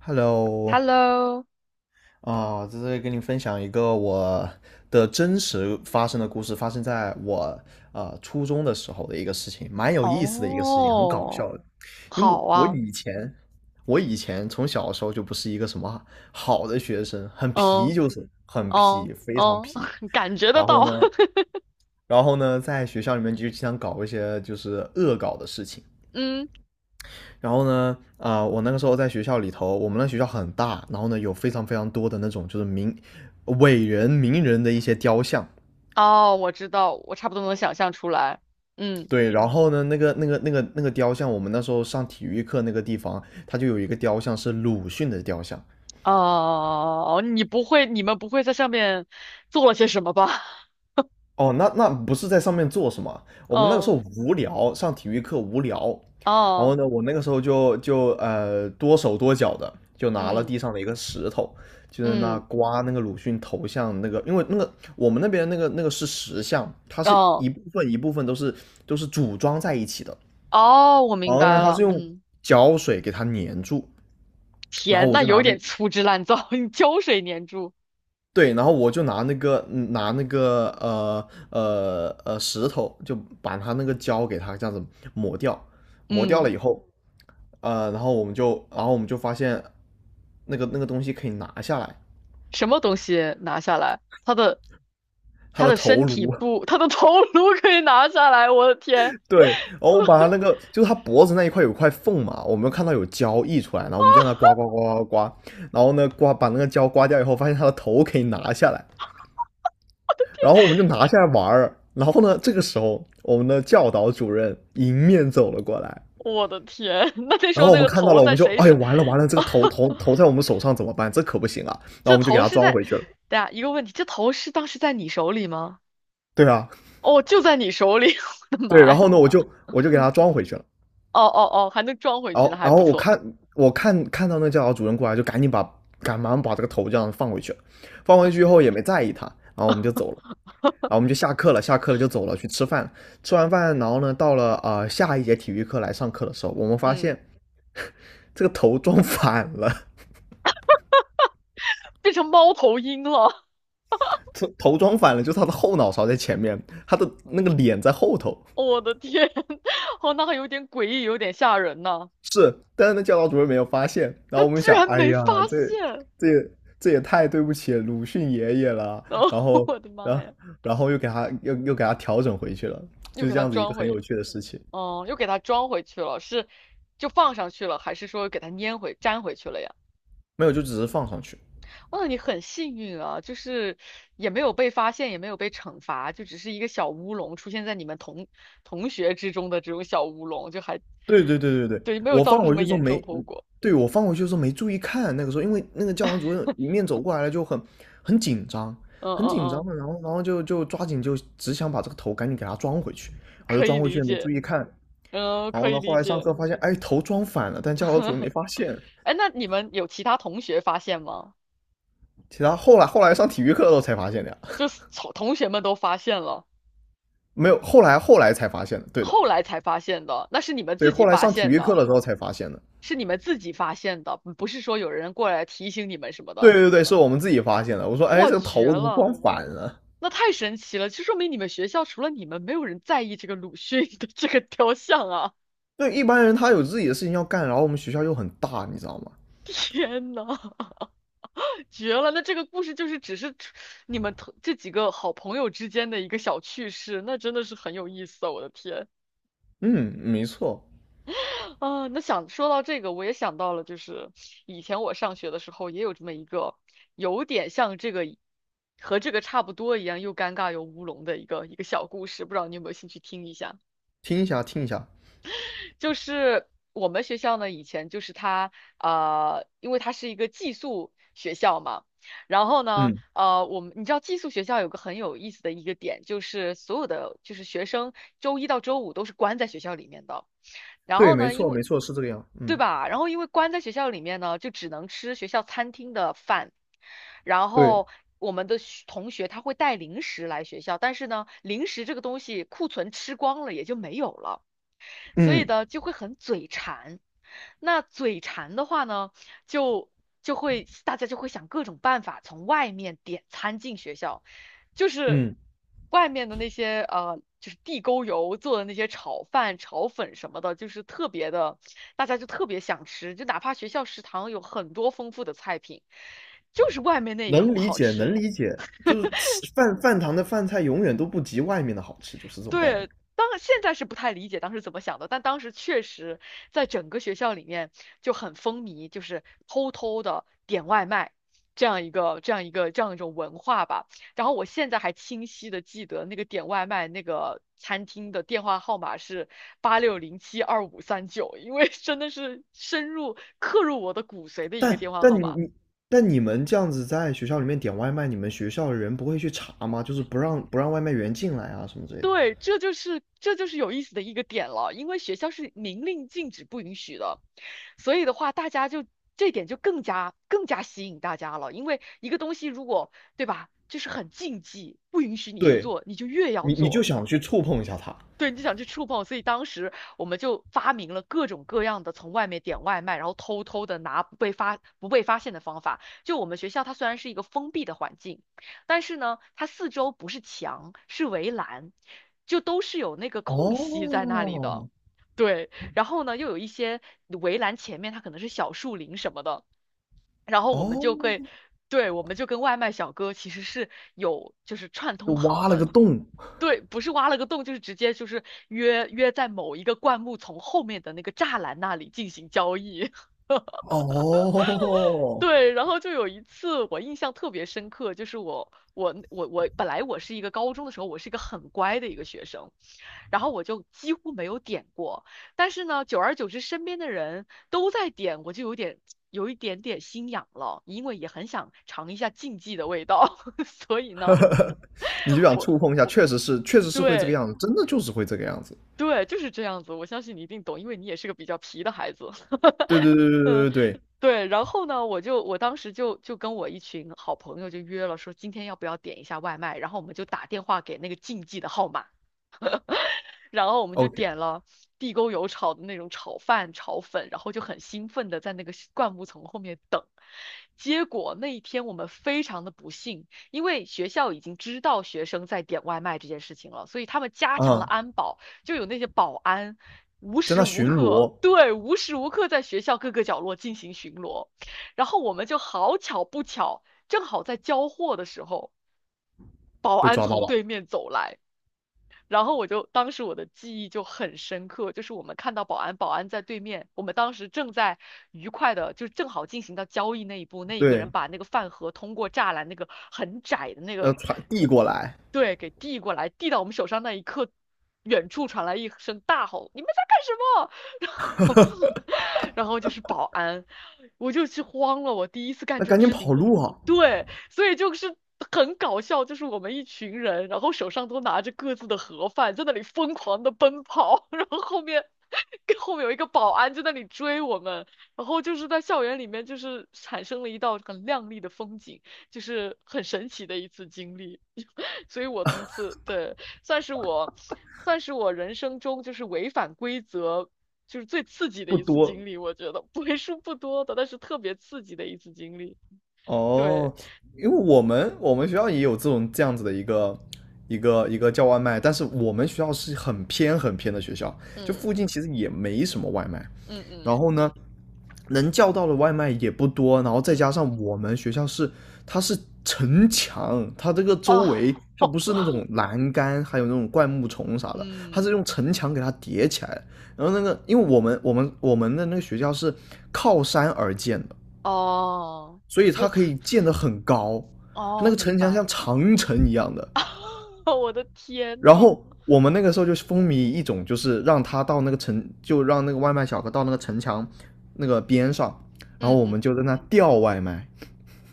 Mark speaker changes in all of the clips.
Speaker 1: Hello，
Speaker 2: Hello，
Speaker 1: 啊，在这里跟你分享一个我的真实发生的故事，发生在我初中的时候的一个事情，蛮有意思的一个事情，很搞
Speaker 2: 哦，
Speaker 1: 笑的。因为
Speaker 2: 好
Speaker 1: 我
Speaker 2: 啊，
Speaker 1: 以前，我以前从小的时候就不是一个什么好的学生，很皮，
Speaker 2: 嗯
Speaker 1: 就是很皮，
Speaker 2: 嗯
Speaker 1: 非常
Speaker 2: 嗯，
Speaker 1: 皮。
Speaker 2: 感觉得
Speaker 1: 然后
Speaker 2: 到，
Speaker 1: 呢，然后呢，在学校里面就经常搞一些就是恶搞的事情。
Speaker 2: 嗯，
Speaker 1: 然后呢，我那个时候在学校里头，我们那学校很大，然后呢有非常非常多的那种就是名伟人、名人的一些雕像。
Speaker 2: 哦，我知道，我差不多能想象出来。嗯。
Speaker 1: 对，然后呢，那个雕像，我们那时候上体育课那个地方，它就有一个雕像是鲁迅的雕像。
Speaker 2: 哦，你们不会在上面做了些什么吧？
Speaker 1: 哦，那那不是在上面做什么？我们那个时候
Speaker 2: 嗯。
Speaker 1: 无聊，上体育课无聊，然后
Speaker 2: 哦。
Speaker 1: 呢，我那个时候就多手多脚的，就拿了
Speaker 2: 嗯
Speaker 1: 地上的一个石头，就在那
Speaker 2: 嗯。
Speaker 1: 刮那个鲁迅头像那个，因为那个我们那边那个是石像，它是
Speaker 2: 哦
Speaker 1: 一部分一部分都是组装在一起的，
Speaker 2: 哦，我
Speaker 1: 然
Speaker 2: 明
Speaker 1: 后
Speaker 2: 白
Speaker 1: 呢，它是
Speaker 2: 了。
Speaker 1: 用
Speaker 2: 嗯。
Speaker 1: 胶水给它粘住，然后
Speaker 2: 天，
Speaker 1: 我
Speaker 2: 那
Speaker 1: 就拿
Speaker 2: 有
Speaker 1: 那
Speaker 2: 点粗制滥造，你胶水粘住。
Speaker 1: 对，然后我就拿那个拿那个石头，就把它那个胶给它这样子磨掉，磨掉了
Speaker 2: 嗯。
Speaker 1: 以后，然后我们就发现那个东西可以拿下来，
Speaker 2: 什么东西拿下来？它的
Speaker 1: 它
Speaker 2: 他
Speaker 1: 的
Speaker 2: 的
Speaker 1: 头
Speaker 2: 身体
Speaker 1: 颅。
Speaker 2: 不，他的头颅可以拿下来？我的天！
Speaker 1: 对，然后我们把它 那个就是它脖子那一块有块缝嘛，我们看到有胶溢出来，然后我们就让它刮刮刮刮刮，然后呢刮把那个胶刮掉以后，发现它的头可以拿下来，然后我们就拿下来玩。然后呢，这个时候我们的教导主任迎面走了过来，
Speaker 2: 我的天！那那时
Speaker 1: 然
Speaker 2: 候
Speaker 1: 后我
Speaker 2: 那
Speaker 1: 们
Speaker 2: 个
Speaker 1: 看到
Speaker 2: 头
Speaker 1: 了，我
Speaker 2: 在
Speaker 1: 们就
Speaker 2: 谁
Speaker 1: 哎呀
Speaker 2: 手？
Speaker 1: 完了完了，这个头头 头在我们手上怎么办？这可不行啊！然后我
Speaker 2: 这
Speaker 1: 们就给
Speaker 2: 头
Speaker 1: 他
Speaker 2: 是
Speaker 1: 装
Speaker 2: 在，
Speaker 1: 回去了。
Speaker 2: 对啊，一个问题，这头是当时在你手里吗？
Speaker 1: 对啊，
Speaker 2: 哦，就在你手里。我的
Speaker 1: 对，
Speaker 2: 妈
Speaker 1: 然
Speaker 2: 呀！
Speaker 1: 后呢，我就
Speaker 2: 哦
Speaker 1: 我就给他装回去了。
Speaker 2: 哦哦，还能装回
Speaker 1: 然
Speaker 2: 去，
Speaker 1: 后
Speaker 2: 那还
Speaker 1: 然
Speaker 2: 不
Speaker 1: 后我
Speaker 2: 错。
Speaker 1: 看看到那教导主任过来，就赶忙把这个头这样放回去了。放回去以后也没在意他，然后我们就走了。然后我们就下课了，下课了就走了去吃饭。吃完饭，然后呢，到了下一节体育课来上课的时候，我们发
Speaker 2: 嗯。
Speaker 1: 现这个头装反了。
Speaker 2: 变成猫头鹰了。
Speaker 1: 头装反了，就是他的后脑勺在前面，他的那个脸在后头。
Speaker 2: 我的天！哦，那还有点诡异，有点吓人呢。
Speaker 1: 是，但是那教导主任没有发现。然
Speaker 2: 他
Speaker 1: 后我们
Speaker 2: 居
Speaker 1: 想，
Speaker 2: 然
Speaker 1: 哎
Speaker 2: 没
Speaker 1: 呀，
Speaker 2: 发
Speaker 1: 这
Speaker 2: 现。
Speaker 1: 这也这也太对不起鲁迅爷爷了。
Speaker 2: 哦，
Speaker 1: 然后，
Speaker 2: 我的
Speaker 1: 然
Speaker 2: 妈
Speaker 1: 后
Speaker 2: 呀！
Speaker 1: 然后又给他调整回去了，
Speaker 2: 又
Speaker 1: 就是
Speaker 2: 给
Speaker 1: 这
Speaker 2: 他
Speaker 1: 样子一个
Speaker 2: 装
Speaker 1: 很有
Speaker 2: 回，
Speaker 1: 趣的事情。
Speaker 2: 哦，又给它装回去了，是就放上去了，还是说给它粘回去了呀？
Speaker 1: 没有，就只是放上去。
Speaker 2: 哇，你很幸运啊，就是也没有被发现，也没有被惩罚，就只是一个小乌龙出现在你们同学之中的这种小乌龙，就还
Speaker 1: 对对对对对，
Speaker 2: 对，没有
Speaker 1: 我
Speaker 2: 造
Speaker 1: 放
Speaker 2: 成什
Speaker 1: 回
Speaker 2: 么
Speaker 1: 去时候
Speaker 2: 严重
Speaker 1: 没，
Speaker 2: 后果。
Speaker 1: 对我放回去的时候没注意看，那个时候因为那个教堂主任迎面走过来了，就很紧张，
Speaker 2: 嗯
Speaker 1: 很紧
Speaker 2: 嗯
Speaker 1: 张
Speaker 2: 嗯，
Speaker 1: 的，然后就抓紧就只想把这个头赶紧给它装回去，然后就
Speaker 2: 可以
Speaker 1: 装回
Speaker 2: 理
Speaker 1: 去没注
Speaker 2: 解。
Speaker 1: 意看，
Speaker 2: 嗯，
Speaker 1: 然
Speaker 2: 可
Speaker 1: 后呢
Speaker 2: 以
Speaker 1: 后
Speaker 2: 理
Speaker 1: 来上
Speaker 2: 解。
Speaker 1: 课发现哎头装反了，但教导主任没 发现。
Speaker 2: 哎，那你们有其他同学发现吗？
Speaker 1: 其他后来上体育课的时候才发现的呀，
Speaker 2: 就是同学们都发现了，
Speaker 1: 没有后来才发现的，对的。
Speaker 2: 后来才发现的，那是你们
Speaker 1: 对
Speaker 2: 自
Speaker 1: 后
Speaker 2: 己
Speaker 1: 来
Speaker 2: 发
Speaker 1: 上体
Speaker 2: 现
Speaker 1: 育课
Speaker 2: 的。
Speaker 1: 的时候才发现的。
Speaker 2: 是你们自己发现的，不是说有人过来提醒你们什么
Speaker 1: 对
Speaker 2: 的。
Speaker 1: 对对，是我们自己发现的，我说哎
Speaker 2: 哇，
Speaker 1: 这个
Speaker 2: 绝
Speaker 1: 头怎么装
Speaker 2: 了！
Speaker 1: 反了？
Speaker 2: 那太神奇了！就说明你们学校除了你们，没有人在意这个鲁迅的 这个雕像啊！
Speaker 1: 对一般人他有自己的事情要干，然后我们学校又很大，你知道吗？
Speaker 2: 天呐，绝了！那这个故事就是只是你们同这几个好朋友之间的一个小趣事，那真的是很有意思啊！我的天。
Speaker 1: 嗯，没错。
Speaker 2: 啊，那想说到这个，我也想到了，就是以前我上学的时候也有这么一个，有点像这个，和这个差不多一样，又尴尬又乌龙的一个小故事，不知道你有没有兴趣听一下？
Speaker 1: 听一下听一下。
Speaker 2: 就是我们学校呢，以前就是它，因为它是一个寄宿学校嘛。然后呢，
Speaker 1: 嗯，
Speaker 2: 我们你知道寄宿学校有个很有意思的一个点，就是所有的就是学生周一到周五都是关在学校里面的。然
Speaker 1: 对，
Speaker 2: 后
Speaker 1: 没
Speaker 2: 呢，因
Speaker 1: 错
Speaker 2: 为
Speaker 1: 没错，是这个样。
Speaker 2: 对
Speaker 1: 嗯，
Speaker 2: 吧？然后因为关在学校里面呢，就只能吃学校餐厅的饭。然
Speaker 1: 对。
Speaker 2: 后我们的学同学他会带零食来学校，但是呢，零食这个东西库存吃光了也就没有了。所以
Speaker 1: 嗯
Speaker 2: 呢就会很嘴馋。那嘴馋的话呢，就大家就会想各种办法从外面点餐进学校，就是
Speaker 1: 嗯，
Speaker 2: 外面的那些就是地沟油做的那些炒饭、炒粉什么的，就是特别的，大家就特别想吃，就哪怕学校食堂有很多丰富的菜品，就是外面那一
Speaker 1: 能
Speaker 2: 口
Speaker 1: 理
Speaker 2: 好
Speaker 1: 解能
Speaker 2: 吃。
Speaker 1: 理解，就是吃饭饭堂的饭菜永远都不及外面的好吃，就是这种概念。
Speaker 2: 对，当现在是不太理解当时怎么想的，但当时确实在整个学校里面就很风靡，就是偷偷的点外卖这样一种文化吧。然后我现在还清晰的记得那个点外卖那个餐厅的电话号码是86072539，因为真的是深入刻入我的骨髓的一个
Speaker 1: 但
Speaker 2: 电话
Speaker 1: 但
Speaker 2: 号
Speaker 1: 你
Speaker 2: 码。
Speaker 1: 你但你们这样子在学校里面点外卖，你们学校的人不会去查吗？就是不让外卖员进来啊什么之类的。
Speaker 2: 对，这就是有意思的一个点了，因为学校是明令禁止不允许的。所以的话，大家就这点就更加吸引大家了，因为一个东西如果，对吧，就是很禁忌，不允许你去
Speaker 1: 对，
Speaker 2: 做，你就越要
Speaker 1: 你你就
Speaker 2: 做。
Speaker 1: 想去触碰一下他。
Speaker 2: 对，你就想去触碰，所以当时我们就发明了各种各样的从外面点外卖，然后偷偷的拿不被发现的方法。就我们学校，它虽然是一个封闭的环境，但是呢，它四周不是墙，是围栏，就都是有那个空隙在那里的。
Speaker 1: 哦
Speaker 2: 对，然后呢，又有一些围栏前面它可能是小树林什么的。然后我们就会。
Speaker 1: 哦
Speaker 2: 对，我们就跟外卖小哥其实是有就是串
Speaker 1: 就
Speaker 2: 通好
Speaker 1: 挖了个
Speaker 2: 的，
Speaker 1: 洞。
Speaker 2: 对，不是挖了个洞，就是直接就是约在某一个灌木丛后面的那个栅栏那里进行交易。
Speaker 1: 哦，
Speaker 2: 对，然后就有一次我印象特别深刻，就是我我我我本来我是一个高中的时候，我是一个很乖的一个学生，然后我就几乎没有点过，但是呢，久而久之身边的人都在点，我就有一点点心痒了，因为也很想尝一下禁忌的味道，所以呢，
Speaker 1: 你就想
Speaker 2: 我
Speaker 1: 触碰一下，确实是，确实是会这个
Speaker 2: 对。
Speaker 1: 样子，真的就是会这个样子。
Speaker 2: 对，就是这样子。我相信你一定懂，因为你也是个比较皮的孩子。
Speaker 1: 对对对对
Speaker 2: 嗯，
Speaker 1: 对对对
Speaker 2: 对。然后呢，我当时就跟我一群好朋友就约了，说今天要不要点一下外卖？然后我们就打电话给那个竞技的号码。然后我们就
Speaker 1: ，OK。
Speaker 2: 点了地沟油炒的那种炒饭、炒粉，然后就很兴奋的在那个灌木丛后面等。结果那一天我们非常的不幸，因为学校已经知道学生在点外卖这件事情了，所以他们加强了
Speaker 1: 啊，
Speaker 2: 安保，就有那些保安无
Speaker 1: 在
Speaker 2: 时
Speaker 1: 那
Speaker 2: 无
Speaker 1: 巡
Speaker 2: 刻，
Speaker 1: 逻
Speaker 2: 对，无时无刻在学校各个角落进行巡逻。然后我们就好巧不巧，正好在交货的时候，保
Speaker 1: 被
Speaker 2: 安
Speaker 1: 抓到
Speaker 2: 从
Speaker 1: 了。
Speaker 2: 对面走来。然后我就当时我的记忆就很深刻，就是我们看到保安，保安在对面，我们当时正在愉快的，就正好进行到交易那一步，那一个人
Speaker 1: 对，
Speaker 2: 把那个饭盒通过栅栏那个很窄的那个，
Speaker 1: 传递过来。
Speaker 2: 对，给递过来，递到我们手上那一刻，远处传来一声大吼：“你们在干什么？”后 然后就是保安，我就去慌了，我第一次干
Speaker 1: 那
Speaker 2: 这
Speaker 1: 赶
Speaker 2: 种
Speaker 1: 紧
Speaker 2: 事
Speaker 1: 跑
Speaker 2: 情。
Speaker 1: 路啊。
Speaker 2: 对，所以就是很搞笑，就是我们一群人，然后手上都拿着各自的盒饭，在那里疯狂的奔跑，然后后面 跟后面有一个保安就在那里追我们。然后就是在校园里面就是产生了一道很亮丽的风景，就是很神奇的一次经历。所以我从此对。算是我，算是我人生中就是违反规则就是最刺激的
Speaker 1: 不
Speaker 2: 一次
Speaker 1: 多。
Speaker 2: 经历，我觉得为数不多的，但是特别刺激的一次经历。
Speaker 1: 哦，
Speaker 2: 对，
Speaker 1: 因为我们学校也有这种这样子的一个一个叫外卖，但是我们学校是很偏很偏的学校，就
Speaker 2: 嗯
Speaker 1: 附近其实也没什么外卖，
Speaker 2: 嗯
Speaker 1: 然
Speaker 2: 嗯
Speaker 1: 后呢，能叫到的外卖也不多，然后再加
Speaker 2: 嗯，
Speaker 1: 上我们学校是它是城墙，它这个周
Speaker 2: 哦，
Speaker 1: 围它不是那种栏杆，还有那种灌木丛啥的，它是
Speaker 2: 嗯
Speaker 1: 用城墙给它叠起来的，然后那个因为我们的那个学校是靠山而建的。
Speaker 2: 哦，
Speaker 1: 所以它
Speaker 2: 不，
Speaker 1: 可以建得很高，它那
Speaker 2: 哦，
Speaker 1: 个
Speaker 2: 明
Speaker 1: 城墙
Speaker 2: 白
Speaker 1: 像
Speaker 2: 了。
Speaker 1: 长城一样的。
Speaker 2: 我的天
Speaker 1: 然
Speaker 2: 呐！
Speaker 1: 后我们那个时候就风靡一种，就是让他到那个城，就让那个外卖小哥到那个城墙那个边上，然后
Speaker 2: 嗯
Speaker 1: 我们
Speaker 2: 嗯。
Speaker 1: 就在那吊外卖。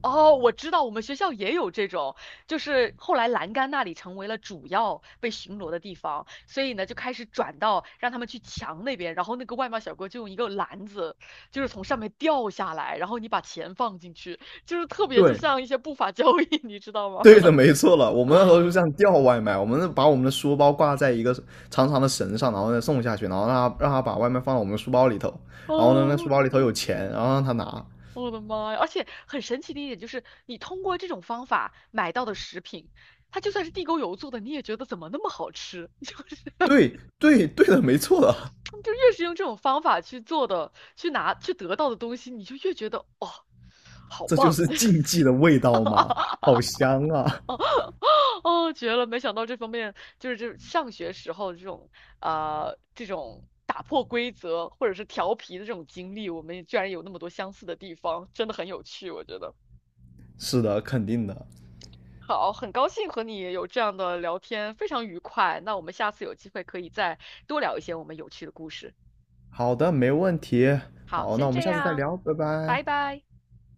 Speaker 2: 哦，我知道，我们学校也有这种，就是后来栏杆那里成为了主要被巡逻的地方，所以呢就开始转到让他们去墙那边，然后那个外卖小哥就用一个篮子，就是从上面掉下来，然后你把钱放进去，就是特别就
Speaker 1: 对，
Speaker 2: 像一些不法交易，你知道吗？
Speaker 1: 对的，没错了。我们那时候就这样吊外卖，我们是把我们的书包挂在一个长长的绳上，然后再送下去，然后让他把外卖放到我们的书包里头，然后呢
Speaker 2: 哦，
Speaker 1: 那书
Speaker 2: 我的
Speaker 1: 包里
Speaker 2: 妈！
Speaker 1: 头有钱，然后让他拿。
Speaker 2: 我的妈呀！而且很神奇的一点就是，你通过这种方法买到的食品，它就算是地沟油做的，你也觉得怎么那么好吃，就是。
Speaker 1: 对对对的，没错的。
Speaker 2: 就越是用这种方法去做的，去拿去得到的东西，你就越觉得哇、好
Speaker 1: 这就
Speaker 2: 棒！
Speaker 1: 是竞 技的味道吗？好香啊！
Speaker 2: 哦，绝了！没想到这方面就是这上学时候这种这种打破规则或者是调皮的这种经历，我们也居然有那么多相似的地方，真的很有趣，我觉得。
Speaker 1: 是的，肯定的。
Speaker 2: 好，很高兴和你有这样的聊天，非常愉快。那我们下次有机会可以再多聊一些我们有趣的故事。
Speaker 1: 好的，没问题。
Speaker 2: 好，
Speaker 1: 好，那
Speaker 2: 先
Speaker 1: 我们
Speaker 2: 这
Speaker 1: 下次再
Speaker 2: 样。
Speaker 1: 聊，拜拜。
Speaker 2: 拜拜。